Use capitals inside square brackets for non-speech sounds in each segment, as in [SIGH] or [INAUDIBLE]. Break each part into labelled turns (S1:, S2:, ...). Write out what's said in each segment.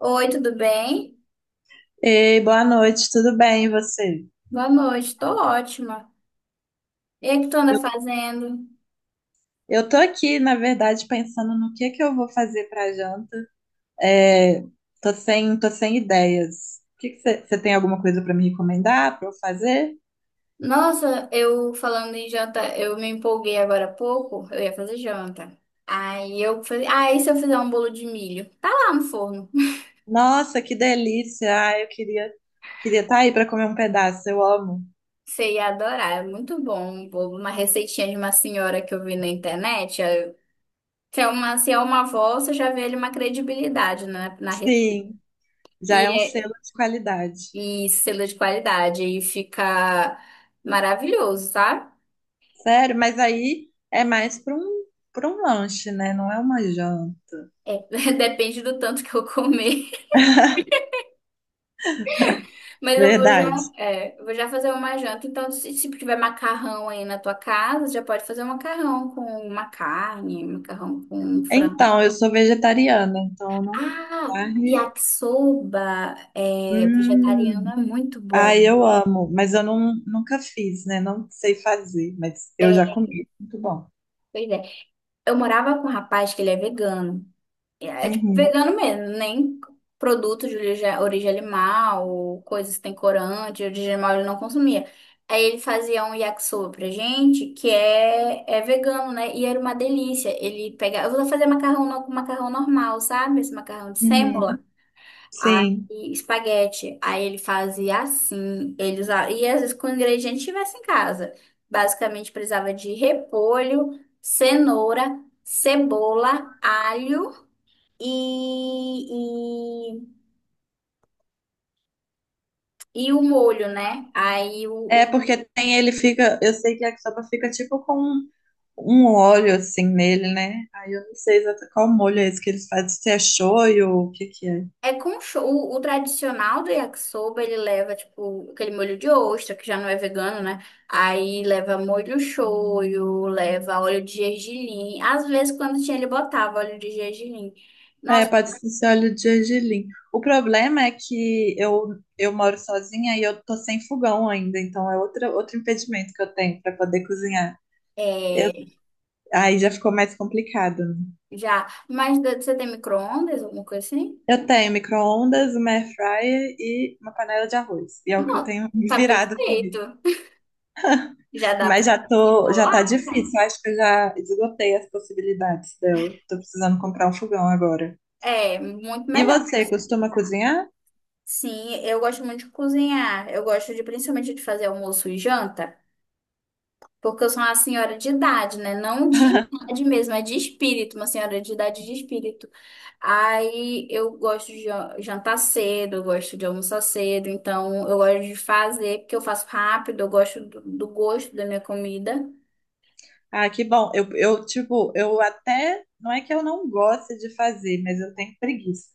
S1: Oi, tudo bem?
S2: Ei, boa noite, tudo bem, e você?
S1: Boa noite, tô ótima. E o que tu anda
S2: Eu,
S1: fazendo?
S2: eu tô aqui, na verdade, pensando no que eu vou fazer pra janta. É, tô sem ideias. O que que você tem alguma coisa pra me recomendar, pra eu fazer?
S1: Nossa, eu falando em janta, eu me empolguei agora há pouco, eu ia fazer janta. Aí eu falei, ah, e se eu fizer um bolo de milho? Tá lá no forno. [LAUGHS]
S2: Nossa, que delícia! Queria estar aí pra comer um pedaço, eu amo.
S1: Você ia adorar, é muito bom um bolo. Uma receitinha de uma senhora que eu vi na internet. Se é uma avó, você já vê ali uma credibilidade na receita.
S2: Sim, já é
S1: E,
S2: um selo
S1: é-
S2: de qualidade.
S1: e selo de qualidade, e fica maravilhoso, sabe?
S2: Sério, mas aí é mais pra um, para um lanche, né? Não é uma janta.
S1: É, [LAUGHS] depende do tanto que eu comer. Mas eu vou
S2: Verdade.
S1: já, é, eu vou já fazer uma janta. Então, se tiver macarrão aí na tua casa, já pode fazer um macarrão com uma carne, um macarrão com um frango.
S2: Então, eu sou vegetariana, então eu não como
S1: Ah,
S2: carne.
S1: yakisoba vegetariano
S2: Hum,
S1: é muito
S2: ai,
S1: bom.
S2: eu amo, mas eu não, nunca fiz, né? Não sei fazer, mas eu
S1: É,
S2: já comi. Muito bom.
S1: pois é. Eu morava com um rapaz que ele é vegano. É, tipo,
S2: Uhum,
S1: vegano mesmo, nem produtos de origem, origem animal, coisas que tem corante, de origem animal ele não consumia. Aí ele fazia um yakisoba pra gente, que é vegano, né? E era uma delícia. Ele pegava, eu vou fazer macarrão com macarrão normal, sabe? Esse macarrão de
S2: uhum,
S1: sêmola.
S2: sim.
S1: Aí, espaguete. Aí ele fazia assim, ele usava, e às vezes com o ingrediente que tivesse em casa. Basicamente precisava de repolho, cenoura, cebola, alho e, e o molho, né? Aí o,
S2: É
S1: o-
S2: porque eu sei que a sopa fica tipo com um molho assim nele, né? Aí eu não sei exatamente qual molho é esse que eles fazem, se é shoyu ou o que que é.
S1: é com cho- o, o tradicional do yakisoba, ele leva tipo aquele molho de ostra, que já não é vegano, né? Aí leva molho shoyu, leva óleo de gergelim. Às vezes quando tinha ele botava óleo de gergelim.
S2: É,
S1: Nossa,
S2: pode ser esse óleo de gergelim. O problema é que eu moro sozinha e eu tô sem fogão ainda, então é outro impedimento que eu tenho para poder cozinhar.
S1: é,
S2: Aí já ficou mais complicado, né?
S1: já, mas você tem micro-ondas, alguma coisa assim?
S2: Eu tenho micro-ondas, uma air fryer e uma panela de arroz. E é o que eu
S1: Não,
S2: tenho me
S1: tá
S2: virado com isso.
S1: perfeito. Já dá pra
S2: Já tá
S1: enrolar,
S2: difícil.
S1: né?
S2: Eu Acho que eu já esgotei as possibilidades dela. Tô precisando comprar um fogão agora.
S1: É, muito
S2: E
S1: melhor,
S2: você,
S1: mas
S2: costuma cozinhar?
S1: sim, eu gosto muito de cozinhar. Eu gosto de principalmente de fazer almoço e janta, porque eu sou uma senhora de idade, né? Não de idade mesmo, é de espírito, uma senhora de idade de espírito. Aí eu gosto de jantar cedo, eu gosto de almoçar cedo, então eu gosto de fazer, porque eu faço rápido, eu gosto do gosto da minha comida.
S2: Ah, que bom. Eu, tipo, eu até. Não é que eu não goste de fazer, mas eu tenho preguiça.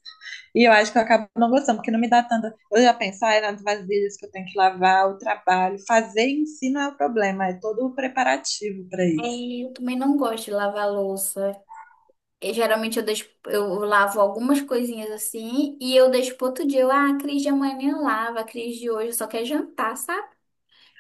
S2: E eu acho que eu acabo não gostando, porque não me dá tanta. Eu já penso, ah, é nas vasilhas que eu tenho que lavar, o trabalho. Fazer em si não é o problema, é todo o preparativo para isso.
S1: E eu também não gosto de lavar louça. Geralmente eu deixo, eu lavo algumas coisinhas assim e eu deixo pro outro dia. A Cris de amanhã lava, a Cris de hoje só quer jantar, sabe?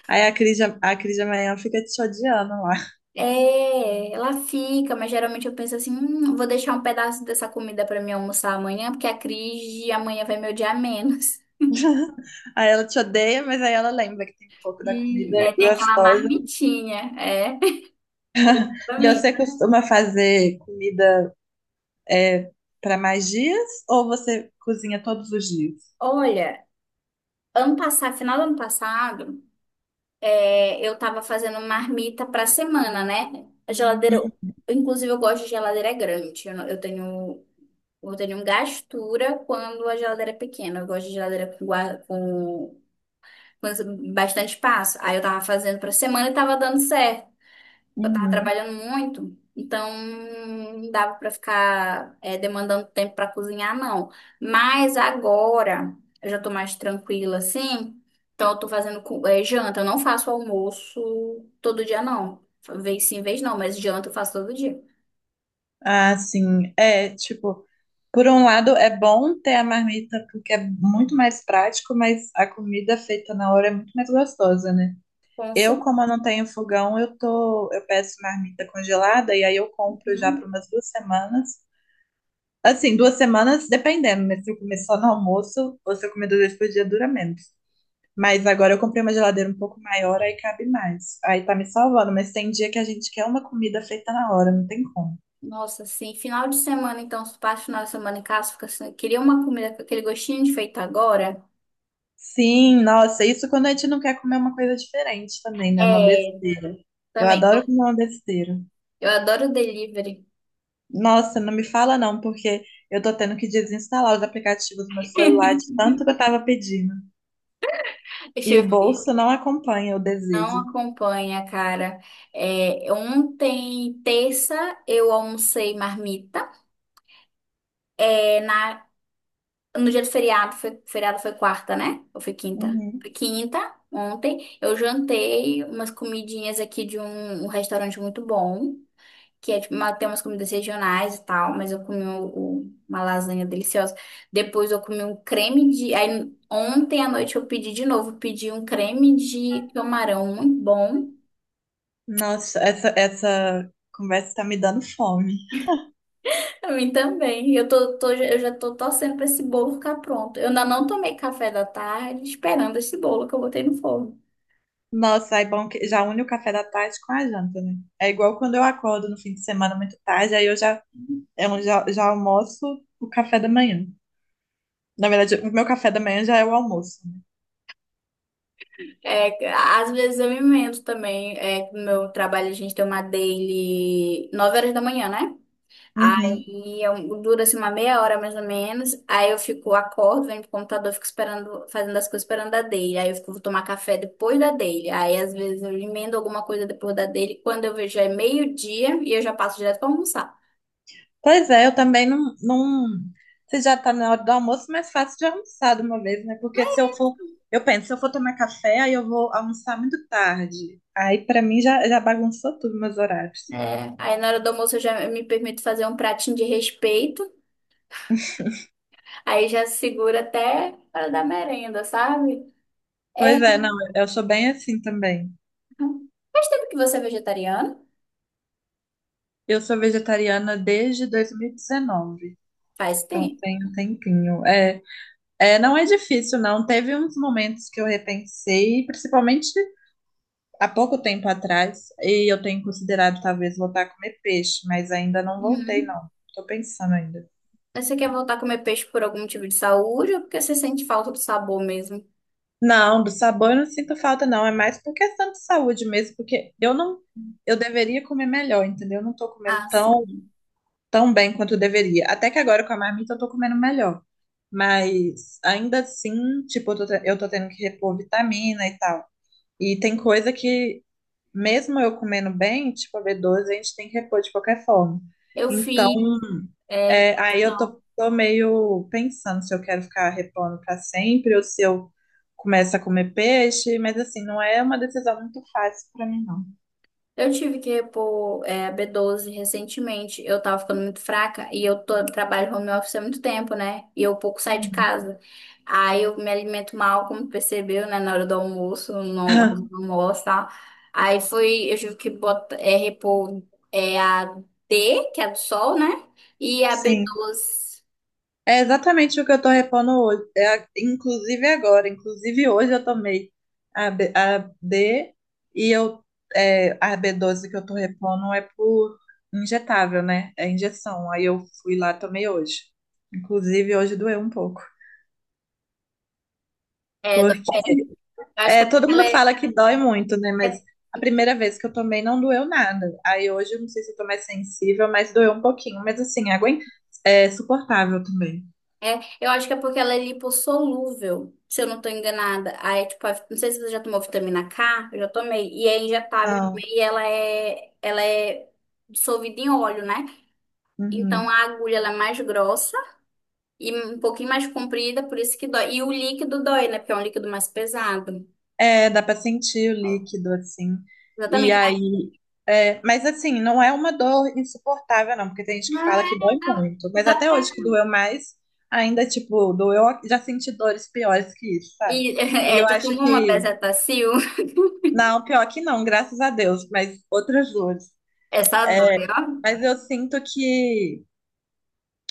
S2: Aí a Cris de amanhã fica te odiando lá.
S1: É, ela fica, mas geralmente eu penso assim, vou deixar um pedaço dessa comida pra mim almoçar amanhã, porque a Cris de amanhã vai me odiar menos. [LAUGHS]
S2: [LAUGHS] Aí ela te odeia, mas aí ela lembra que tem um pouco da comida
S1: É, tem aquela
S2: gostosa.
S1: marmitinha, é.
S2: E
S1: Também.
S2: você costuma fazer comida é, para mais dias ou você cozinha todos os dias?
S1: Olha, ano passado, final do ano passado, eu tava fazendo marmita pra semana, né? A geladeira Inclusive, eu gosto de geladeira grande. Eu, não- eu tenho. Eu tenho um gastura quando a geladeira é pequena. Eu gosto de geladeira com bastante espaço. Aí eu tava fazendo pra semana e tava dando certo. Eu tava
S2: Uhum.
S1: trabalhando muito, então não dava pra ficar demandando tempo pra cozinhar, não. Mas agora eu já tô mais tranquila, assim. Então eu tô fazendo janta. Eu não faço almoço todo dia, não. Vez sim, vez não, mas janta eu faço todo dia.
S2: Ah, sim. Por um lado, é bom ter a marmita porque é muito mais prático, mas a comida feita na hora é muito mais gostosa, né?
S1: Com
S2: Eu,
S1: certeza.
S2: como eu não tenho fogão, eu peço marmita congelada e aí eu compro já para umas duas semanas. Assim, duas semanas, dependendo, mas se eu comer só no almoço ou se eu comer duas vezes por dia, dura menos. Mas agora eu comprei uma geladeira um pouco maior, aí cabe mais. Aí tá me salvando, mas tem dia que a gente quer uma comida feita na hora, não tem como.
S1: Nossa, assim, final de semana, então, se passa o final de semana em casa, fica assim, queria uma comida com aquele gostinho de feito agora.
S2: Sim, nossa, isso quando a gente não quer comer uma coisa diferente também, né? Uma
S1: É,
S2: besteira. Eu
S1: também,
S2: adoro
S1: eu,
S2: comer uma besteira.
S1: eu adoro delivery.
S2: Nossa, não me fala não, porque eu tô tendo que desinstalar os aplicativos do meu celular
S1: [LAUGHS]
S2: de tanto que eu tava pedindo.
S1: Deixa
S2: E o
S1: eu
S2: bolso
S1: ver.
S2: não acompanha o
S1: Não
S2: desejo.
S1: acompanha, cara. É, ontem, terça, eu almocei marmita. É, no dia do feriado, feriado foi quarta, né? Ou foi quinta?
S2: Uhum.
S1: Foi quinta, ontem, eu jantei umas comidinhas aqui de um restaurante muito bom. Que é tipo, tem umas comidas regionais e tal, mas eu comi uma lasanha deliciosa. Depois eu comi um creme de. Aí, ontem à noite eu pedi de novo, pedi um creme de camarão muito bom.
S2: Nossa, essa conversa tá me dando fome.
S1: [LAUGHS] Pra mim também. Eu já tô torcendo pra esse bolo ficar pronto. Eu ainda não tomei café da tarde esperando esse bolo que eu botei no forno.
S2: Nossa, é bom que já une o café da tarde com a janta, né? É igual quando eu acordo no fim de semana muito tarde, aí já almoço o café da manhã. Na verdade, o meu café da manhã já é o almoço. Né?
S1: É, às vezes eu me invento também. É, que no meu trabalho a gente tem uma daily 9 horas da manhã, né?
S2: Uhum.
S1: Aí dura assim uma meia hora mais ou menos. Aí eu fico, acordo, venho pro computador, fico esperando, fazendo as coisas esperando a dele. Aí eu fico, vou tomar café depois da dele. Aí às vezes eu emendo alguma coisa depois da dele. Quando eu vejo já é meio-dia e eu já passo direto pra almoçar.
S2: Pois é, eu também não, não. Se já tá na hora do almoço, mais fácil de almoçar de uma vez, né? Porque se eu for. Eu penso, se eu for tomar café, aí eu vou almoçar muito tarde. Aí, pra mim, já bagunçou tudo meus horários.
S1: É, aí na hora do almoço eu já me permito fazer um pratinho de respeito. Aí já segura até a hora da merenda, sabe? É,
S2: Pois é, não, eu sou bem assim também.
S1: faz tempo que você é vegetariano?
S2: Eu sou vegetariana desde 2019.
S1: Faz
S2: Então
S1: tempo.
S2: tem um tempinho. É, não é difícil, não. Teve uns momentos que eu repensei, principalmente há pouco tempo atrás e eu tenho considerado talvez voltar a comer peixe, mas ainda não voltei,
S1: Uhum.
S2: não. Tô pensando ainda.
S1: Mas você quer voltar a comer peixe por algum motivo de saúde ou porque você sente falta do sabor mesmo?
S2: Não, do sabor eu não sinto falta, não. É mais por questão de saúde mesmo, porque eu não, eu deveria comer melhor, entendeu? Eu não tô comendo
S1: Ah,
S2: tão,
S1: sim.
S2: tão bem quanto eu deveria. Até que agora com a marmita eu tô comendo melhor. Mas ainda assim, tipo, eu tô tendo que repor vitamina e tal. E tem coisa que, mesmo eu comendo bem, tipo a b doze a gente tem que repor de qualquer forma.
S1: Eu
S2: Então,
S1: fiz. é,
S2: É,
S1: Não,
S2: tô meio pensando se eu quero ficar repondo para sempre ou se eu começo a comer peixe, mas assim, não é uma decisão muito fácil para mim, não.
S1: eu tive que repor B12 recentemente. Eu tava ficando muito fraca e trabalho home office há muito tempo, né? E eu pouco saio de
S2: Uhum.
S1: casa. Aí eu me alimento mal, como percebeu, né? Na hora do almoço, não, não
S2: [LAUGHS]
S1: almoço, tá? Aí foi. Eu tive que botar, é, repor a D, que é a do sol, né? E a b
S2: Sim,
S1: doze
S2: é exatamente o que eu tô repondo hoje. Inclusive agora, inclusive hoje eu tomei a B e eu a b doze que eu tô repondo é por injetável, né? É injeção. Aí eu fui lá, tomei hoje. Inclusive hoje doeu um pouco.
S1: é. Eu acho que
S2: É,
S1: é
S2: todo
S1: porque ela
S2: mundo
S1: é,
S2: fala que dói muito, né? Mas
S1: é-
S2: a primeira vez que eu tomei não doeu nada. Aí hoje eu não sei se eu tô mais sensível, mas doeu um pouquinho. Mas assim, a água é suportável também.
S1: é, eu acho que é porque ela é lipossolúvel, se eu não tô enganada. Aí, tipo, não sei se você já tomou vitamina K, eu já tomei. E é injetável
S2: Ah,
S1: também, e ela é dissolvida em óleo, né? Então a
S2: uhum.
S1: agulha ela é mais grossa e um pouquinho mais comprida, por isso que dói. E o líquido dói, né? Porque é um líquido mais pesado.
S2: É, dá pra sentir o líquido, assim. E
S1: Exatamente. Aí,
S2: aí. É, mas assim, não é uma dor insuportável, não, porque tem gente que fala que dói muito. Mas
S1: dá,
S2: até
S1: dá.
S2: hoje que doeu mais, ainda, tipo, doeu. Já senti dores piores que isso, sabe?
S1: E, [LAUGHS]
S2: E
S1: é,
S2: eu
S1: já
S2: acho
S1: tomou uma
S2: que.
S1: bezetacil?
S2: Não, pior que não, graças a Deus, mas outras dores.
S1: Essa dói, ó.
S2: Mas eu sinto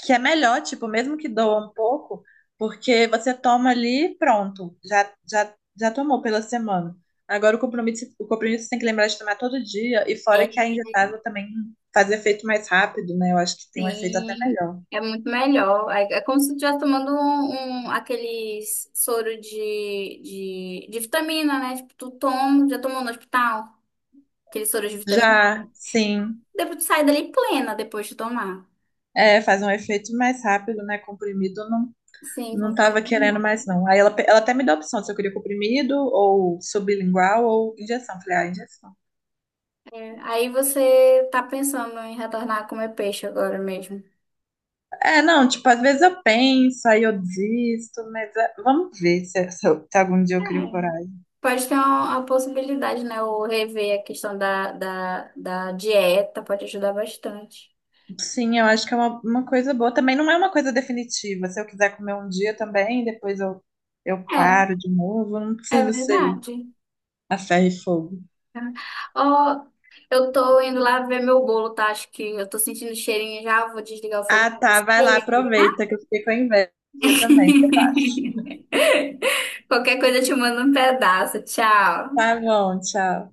S2: que é melhor, tipo, mesmo que doa um pouco, porque você toma ali e pronto, já tomou pela semana. Agora o compromisso você tem que lembrar de tomar todo dia, e fora que a
S1: É,
S2: injetável também faz efeito mais rápido, né? Eu acho que tem um efeito até
S1: sim,
S2: melhor.
S1: é muito melhor. É, é como se tu estivesse tomando aqueles soro de vitamina, né? Tipo, tu toma, já tomou no hospital, aquele soro de vitamina.
S2: Já, sim,
S1: Depois tu sai dali plena depois de tomar.
S2: é, faz um efeito mais rápido, né? Comprimido não,
S1: Sim,
S2: não tava
S1: completamente.
S2: querendo mais, não. Aí ela até me deu a opção se eu queria comprimido, ou sublingual, ou injeção. Falei, ah, injeção.
S1: É, aí você tá pensando em retornar a comer peixe agora mesmo.
S2: É, não, tipo, às vezes eu penso, aí eu desisto, mas é, vamos ver se algum dia
S1: É.
S2: eu crio coragem.
S1: Pode ter uma possibilidade, né? Ou rever a questão da dieta, pode ajudar bastante.
S2: Sim, eu acho que é uma coisa boa. Também não é uma coisa definitiva. Se eu quiser comer um dia também, eu paro de novo. Não
S1: É, é
S2: preciso ser
S1: verdade.
S2: a ferro e fogo.
S1: Ó, eu tô indo lá ver meu bolo, tá? Acho que eu tô sentindo o cheirinho já. Vou desligar o fogo
S2: Ah,
S1: pra
S2: tá,
S1: você.
S2: vai lá, aproveita que eu fiquei com a inveja também.
S1: [LAUGHS] Qualquer coisa eu te mando um pedaço. Tchau.
S2: Tá bom, tchau.